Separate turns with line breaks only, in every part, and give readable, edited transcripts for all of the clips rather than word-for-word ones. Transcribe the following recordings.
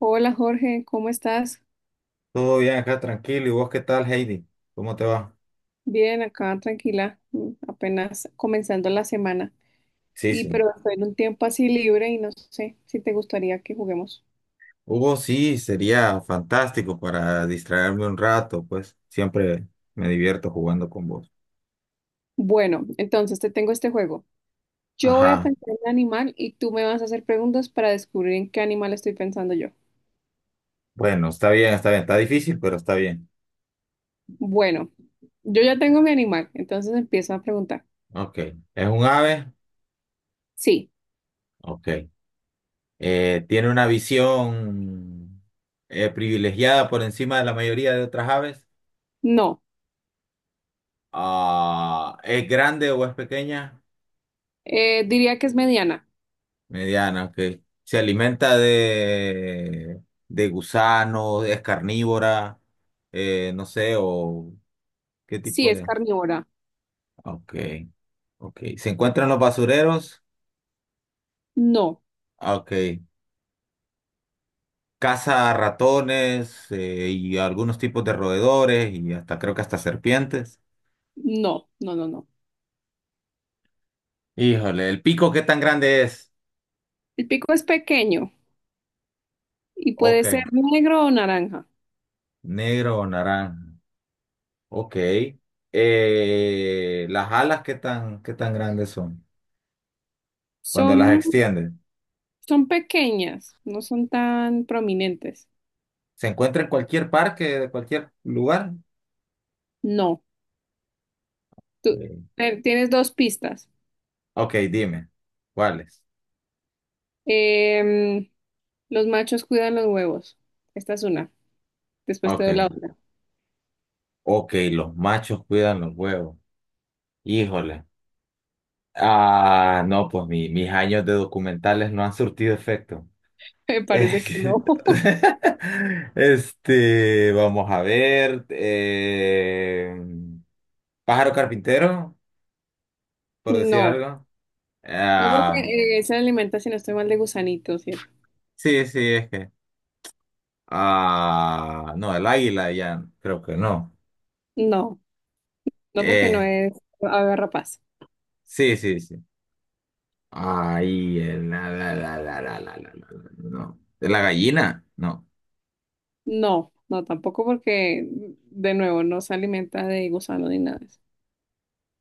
Hola Jorge, ¿cómo estás?
Todo bien acá, tranquilo. ¿Y vos qué tal, Heidi? ¿Cómo te va?
Bien, acá tranquila, apenas comenzando la semana.
Sí,
Y
sí.
pero estoy en un tiempo así libre y no sé si te gustaría que juguemos.
Hugo, sí, sería fantástico para distraerme un rato, pues siempre me divierto jugando con vos.
Bueno, entonces te tengo este juego. Yo voy a
Ajá.
pensar en un animal y tú me vas a hacer preguntas para descubrir en qué animal estoy pensando yo.
Bueno, está bien, está bien. Está difícil, pero está bien.
Bueno, yo ya tengo mi animal, entonces empiezo a preguntar.
Ok. ¿Es un ave?
Sí,
Ok. ¿Tiene una visión privilegiada por encima de la mayoría de otras aves?
no.
Ah, ¿es grande o es pequeña?
Diría que es mediana.
Mediana, ok. Se alimenta de gusanos, es carnívora, no sé, o qué
Sí,
tipo
es
de...
carnívora.
Ok, ok. Se encuentra en los basureros,
No,
ah, ok. Caza ratones y algunos tipos de roedores y hasta creo que hasta serpientes.
no, no, no, no.
Híjole, ¿el pico qué tan grande es?
El pico es pequeño y
Ok,
puede ser negro o naranja.
negro o naranja. Ok. ¿Las alas qué tan grandes son cuando las
Son,
extienden?
son pequeñas, no son tan prominentes.
Se encuentra en cualquier parque, de cualquier lugar.
No, tú
Eh,
tienes dos pistas.
Ok, dime. ¿Cuáles?
Em, los machos cuidan los huevos. Esta es una. Después te
Ok.
doy la otra.
Ok, los machos cuidan los huevos. Híjole. Ah, no, pues mis años de documentales no han surtido efecto.
Me
Eh,
parece que no.
Este, vamos a ver. Pájaro carpintero, por decir
No,
algo.
no
Ah,
porque se alimenta, si no estoy mal, de gusanitos y eso.
sí, sí, es que. Ah, no, el águila ya, creo que no.
No, no porque no
Eh,
es ave rapaz.
Sí, sí, sí. Ay, no. ¿De la gallina? No.
No, no tampoco porque, de nuevo, no se alimenta de gusano ni nada de eso.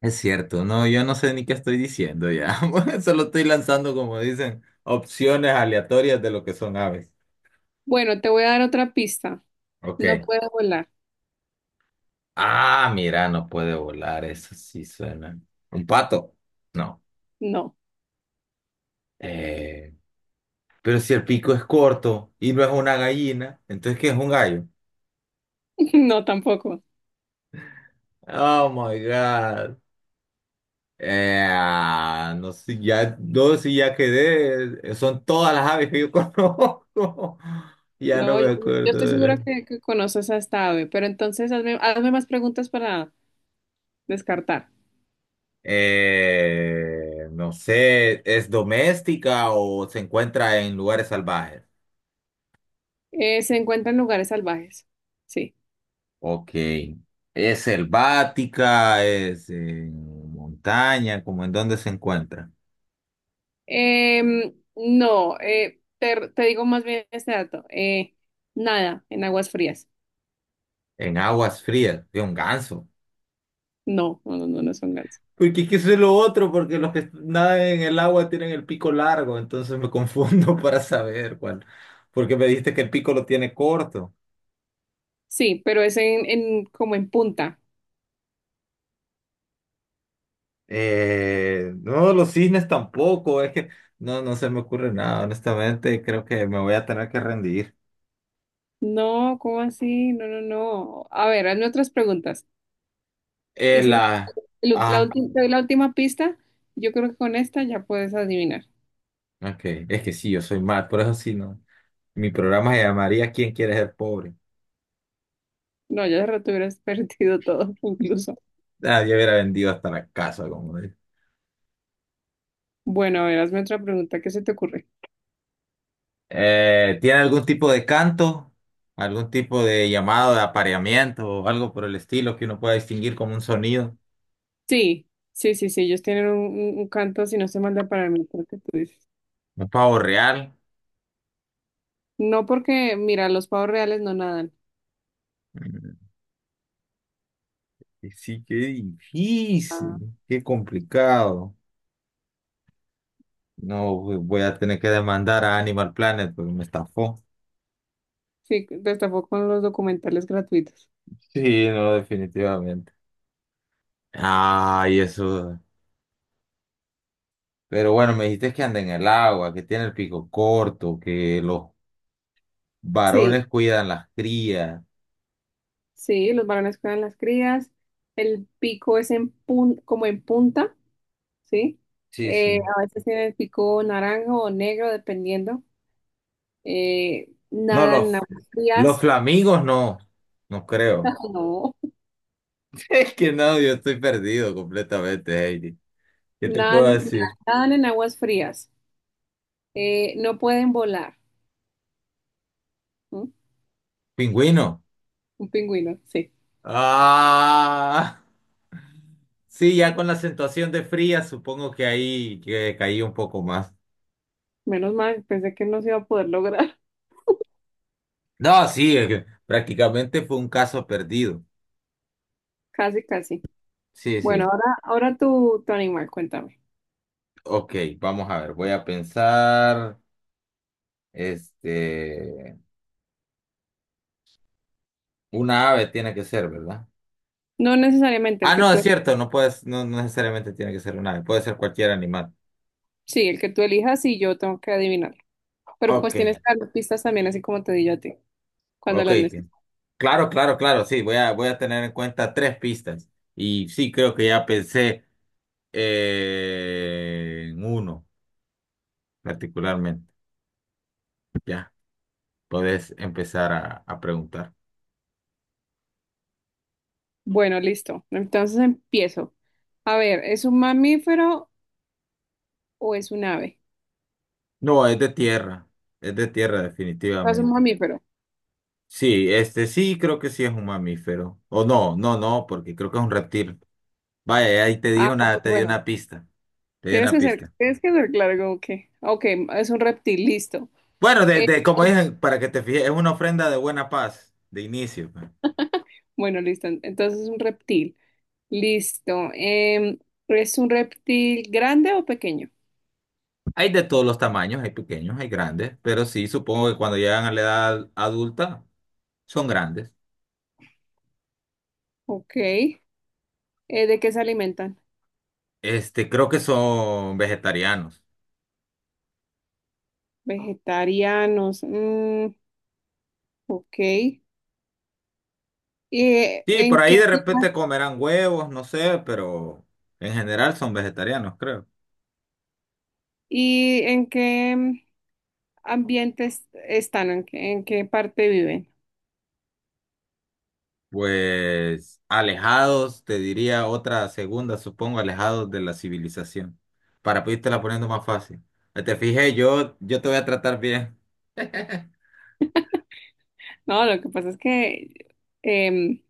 Es cierto, no, yo no sé ni qué estoy diciendo ya. Solo estoy lanzando, como dicen, opciones aleatorias de lo que son aves.
Bueno, te voy a dar otra pista.
Ok.
No puedo volar.
Ah, mira, no puede volar, eso sí suena. ¿Un pato? No.
No,
Eh, pero si el pico es corto y no es una gallina, entonces ¿qué es un gallo?
no tampoco.
Oh my God. Ah, no sé, ya, no, si ya quedé, son todas las aves que yo conozco. Ya no
No,
me
yo
acuerdo.
estoy segura que conoces a esta ave, pero entonces hazme, hazme más preguntas para descartar.
No sé, ¿es doméstica o se encuentra en lugares salvajes?
¿Se encuentra en lugares salvajes? Sí.
Ok. ¿Es selvática? ¿Es en montaña? ¿Cómo en dónde se encuentra?
Em, no, te digo más bien este dato. Nada, en aguas frías.
En aguas frías, de un ganso.
No, no, no, no, no son gansos.
Porque es que eso es lo otro, porque los que nadan en el agua tienen el pico largo, entonces me confundo para saber cuál. Porque me dijiste que el pico lo tiene corto.
Sí, pero es en, como en punta.
No, los cisnes tampoco, es que no, no se me ocurre nada, honestamente, creo que me voy a tener que rendir.
No, ¿cómo así? No, no, no. A ver, hazme otras preguntas.
Eh,
Y si
la... Ah,
te doy la última pista, yo creo que con esta ya puedes adivinar.
ok, es que sí, yo soy mal, por eso sí, no. Mi programa se llamaría ¿Quién quiere ser pobre?
No, ya de rato hubieras perdido todo, incluso.
Ah, yo hubiera vendido hasta la casa, como
Bueno, a ver, hazme otra pregunta, ¿qué se te ocurre?
¿Tiene algún tipo de canto, algún tipo de llamado de apareamiento o algo por el estilo que uno pueda distinguir como un sonido?
Sí, sí, sí, sí, ellos tienen un canto, si no se manda para mí, creo que tú dices.
¿Un pavo real?
No porque, mira, los pavos reales no nadan.
Mm, Sí, qué
Ah.
difícil, qué complicado. No, voy a tener que demandar a Animal Planet porque me estafó.
Sí, destapó con los documentales gratuitos.
Sí, no, definitivamente. Ay, eso. Pero bueno, me dijiste que anda en el agua, que tiene el pico corto, que los
Sí,
varones cuidan las crías.
sí, los varones cuidan las crías, el pico es en como en punta, ¿sí?
Sí, sí.
A veces tiene el pico naranja o negro, dependiendo.
No,
Nadan en
los,
aguas
los
frías,
flamingos no, no creo.
no,
Es que no, yo estoy perdido completamente, Heidi. ¿Qué te puedo
nadan, en
decir?
nadan en aguas frías, no pueden volar. ¿M?
Pingüino.
Un pingüino, sí.
Ah, sí, ya con la acentuación de fría, supongo que ahí que caí un poco más.
Menos mal, pensé que no se iba a poder lograr.
No, sí, es que prácticamente fue un caso perdido.
Casi, casi.
Sí,
Bueno,
sí.
ahora, tu animal, cuéntame.
Ok, vamos a ver, voy a pensar, este, una ave tiene que ser, ¿verdad?
No necesariamente
Ah,
el que
no,
tú,
es cierto, no puedes, no necesariamente tiene que ser una ave, puede ser cualquier animal.
sí, el que tú elijas y yo tengo que adivinar. Pero
Ok,
pues tienes que dar pistas también, así como te di yo a ti, cuando
ok.
las necesites.
Claro, claro, claro, sí, voy a tener en cuenta tres pistas. Y sí, creo que ya pensé en uno particularmente. Ya, podés empezar a preguntar.
Bueno, listo. Entonces empiezo. A ver, ¿es un mamífero o es un ave?
No, es de tierra
Es un
definitivamente.
mamífero.
Sí, este sí, creo que sí es un mamífero. O no, no, no, porque creo que es un reptil. Vaya, ahí
Ah, ok,
te di
bueno,
una pista, te di una pista.
tienes que ser claro como que, ah, ok, es un reptil, listo.
Bueno, de,
Eh,
de, como dije, para que te fijes, es una ofrenda de buena paz, de inicio, pues.
bueno, listo, entonces es un reptil, listo. ¿Es un reptil grande o pequeño?
Hay de todos los tamaños, hay pequeños, hay grandes, pero sí, supongo que cuando llegan a la edad adulta son grandes.
Ok, ¿de qué se alimentan?
Este, creo que son vegetarianos.
Vegetarianos, mm, ok. ¿Y eh,
Sí, por
en
ahí
qué,
de repente comerán huevos, no sé, pero en general son vegetarianos, creo.
en qué ambientes están? ¿En qué parte viven?
Pues alejados, te diría otra segunda, supongo, alejados de la civilización. Para la poniendo más fácil. Te fijé, yo te voy a tratar bien.
No, lo que pasa es que em,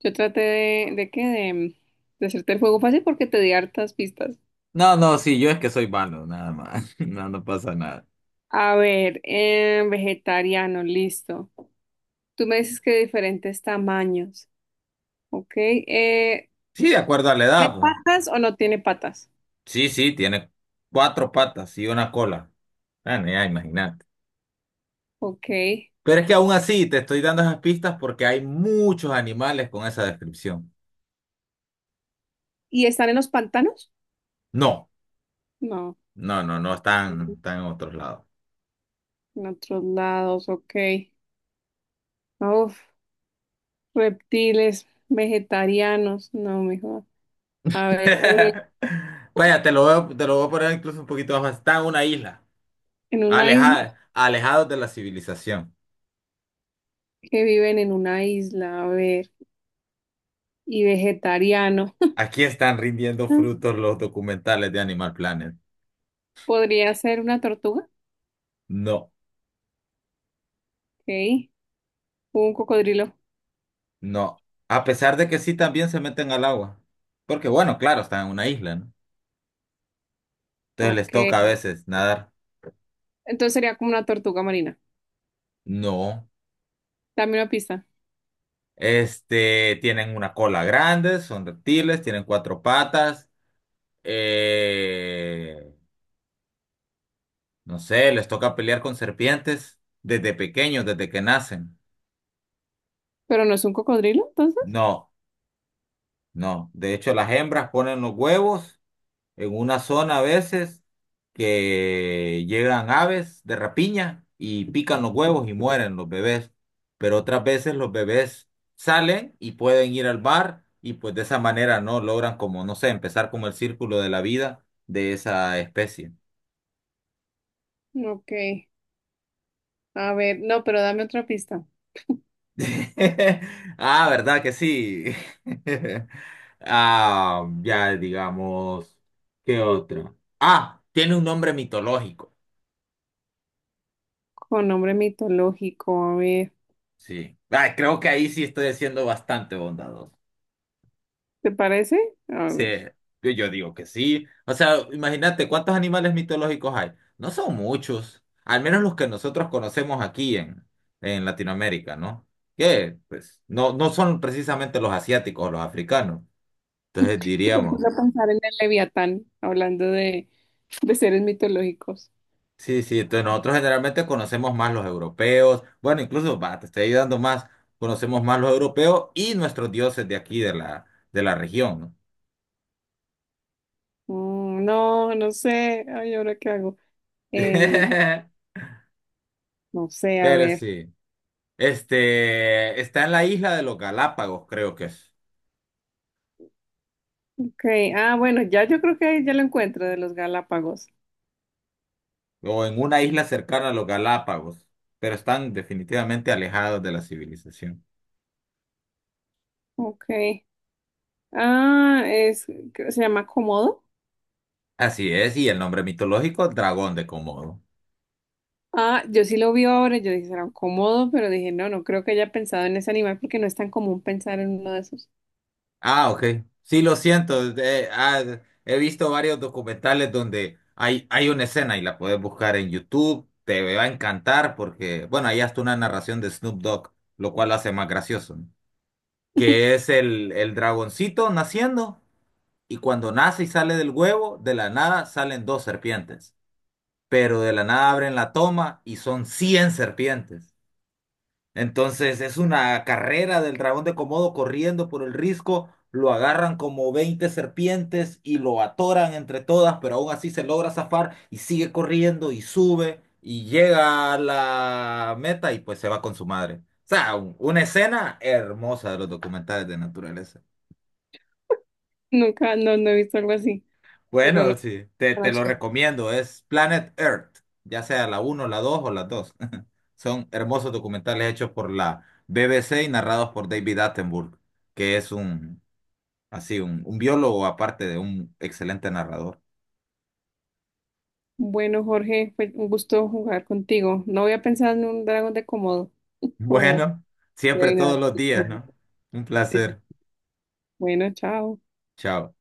yo traté de hacerte el juego fácil porque te di hartas pistas.
No, no, sí, yo es que soy malo, nada más. No, no pasa nada.
A ver, vegetariano, listo. Tú me dices que de diferentes tamaños, ¿ok?
Sí, de acuerdo a la edad,
¿Tiene
pues.
patas o no tiene patas?
Sí, sí, tiene cuatro patas y una cola. Bueno, ya imagínate.
Ok.
Pero es que aún así te estoy dando esas pistas porque hay muchos animales con esa descripción.
¿Y están en los pantanos?
No,
No,
no, no, no están,
en
están en otros lados.
otros lados, ok. Uf, reptiles, vegetarianos, no, mejor. A ver,
Vaya, te lo voy a poner incluso un poquito más fácil. Está en una isla,
¿en una isla?
alejada, alejados de la civilización.
Que viven en una isla, a ver, y vegetariano.
Aquí están rindiendo frutos los documentales de Animal Planet.
Podría ser una tortuga,
No.
ok. Un cocodrilo,
No, a pesar de que sí también se meten al agua. Porque bueno, claro, están en una isla, ¿no? Entonces les toca a
ok.
veces nadar.
Entonces sería como una tortuga marina.
No.
Dame una pista.
Este, tienen una cola grande, son reptiles, tienen cuatro patas. eh, no sé, les toca pelear con serpientes desde pequeños, desde que nacen.
Pero no es un cocodrilo, entonces.
No, no. De hecho, las hembras ponen los huevos en una zona a veces que llegan aves de rapiña y pican los huevos y mueren los bebés, pero otras veces los bebés salen y pueden ir al bar y pues de esa manera no logran como, no sé, empezar como el círculo de la vida de esa especie.
Ok. A ver, no, pero dame otra pista.
Ah, ¿verdad que sí? Ah, ya digamos, ¿qué otro Ah, tiene un nombre mitológico.
Con nombre mitológico, a ver.
Sí. Ah, creo que ahí sí estoy siendo bastante bondadoso.
¿Te parece? A
Sí,
ver.
yo digo que sí. O sea, imagínate cuántos animales mitológicos hay. No son muchos, al menos los que nosotros conocemos aquí en, Latinoamérica, ¿no? Que pues no, no son precisamente los asiáticos o los africanos. Entonces
Me puse
diríamos,
a pensar en el Leviatán, hablando de seres mitológicos.
sí, sí, entonces nosotros generalmente conocemos más los europeos. Bueno, incluso, va, te estoy ayudando más, conocemos más los europeos y nuestros dioses de aquí, de la región, ¿no?
Mm, no, no sé. Ay, ¿ahora qué hago? Em, no sé, a
Pero
ver.
sí. Este, está en la isla de los Galápagos, creo que es.
Ok. Ah, bueno, ya yo creo que ya lo encuentro de los Galápagos.
O en una isla cercana a los Galápagos. Pero están definitivamente alejados de la civilización.
Ok. Ah, es, se llama Komodo.
Así es, y el nombre mitológico, Dragón de Komodo.
Ah, yo sí lo vi ahora, yo dije, será un Komodo, pero dije, no, no creo que haya pensado en ese animal porque no es tan común pensar en uno de esos.
Ah, ok. Sí, lo siento. Ah, he visto varios documentales donde hay una escena y la puedes buscar en YouTube. Te va a encantar porque, bueno, ahí hasta una narración de Snoop Dogg, lo cual lo hace más gracioso, ¿no? Que es el dragoncito naciendo. Y cuando nace y sale del huevo, de la nada salen dos serpientes. Pero de la nada abren la toma y son 100 serpientes. Entonces es una carrera del dragón de Komodo corriendo por el risco. Lo agarran como 20 serpientes y lo atoran entre todas, pero aún así se logra zafar y sigue corriendo y sube y llega a la meta y pues se va con su madre. O sea, una escena hermosa de los documentales de naturaleza.
Nunca, no, no he visto algo así. Pero lo
Bueno, sí, te,
tan
te lo
chévere.
recomiendo. Es Planet Earth, ya sea la uno, la 2 o las 2. Son hermosos documentales hechos por la BBC y narrados por David Attenborough, que es así, un biólogo aparte de un excelente narrador.
Bueno, Jorge, fue un gusto jugar contigo. No había pensado en un dragón de Komodo, como
Bueno, siempre
de nada.
todos los días, ¿no? Un
Sí, sí.
placer.
Bueno, chao.
Chao.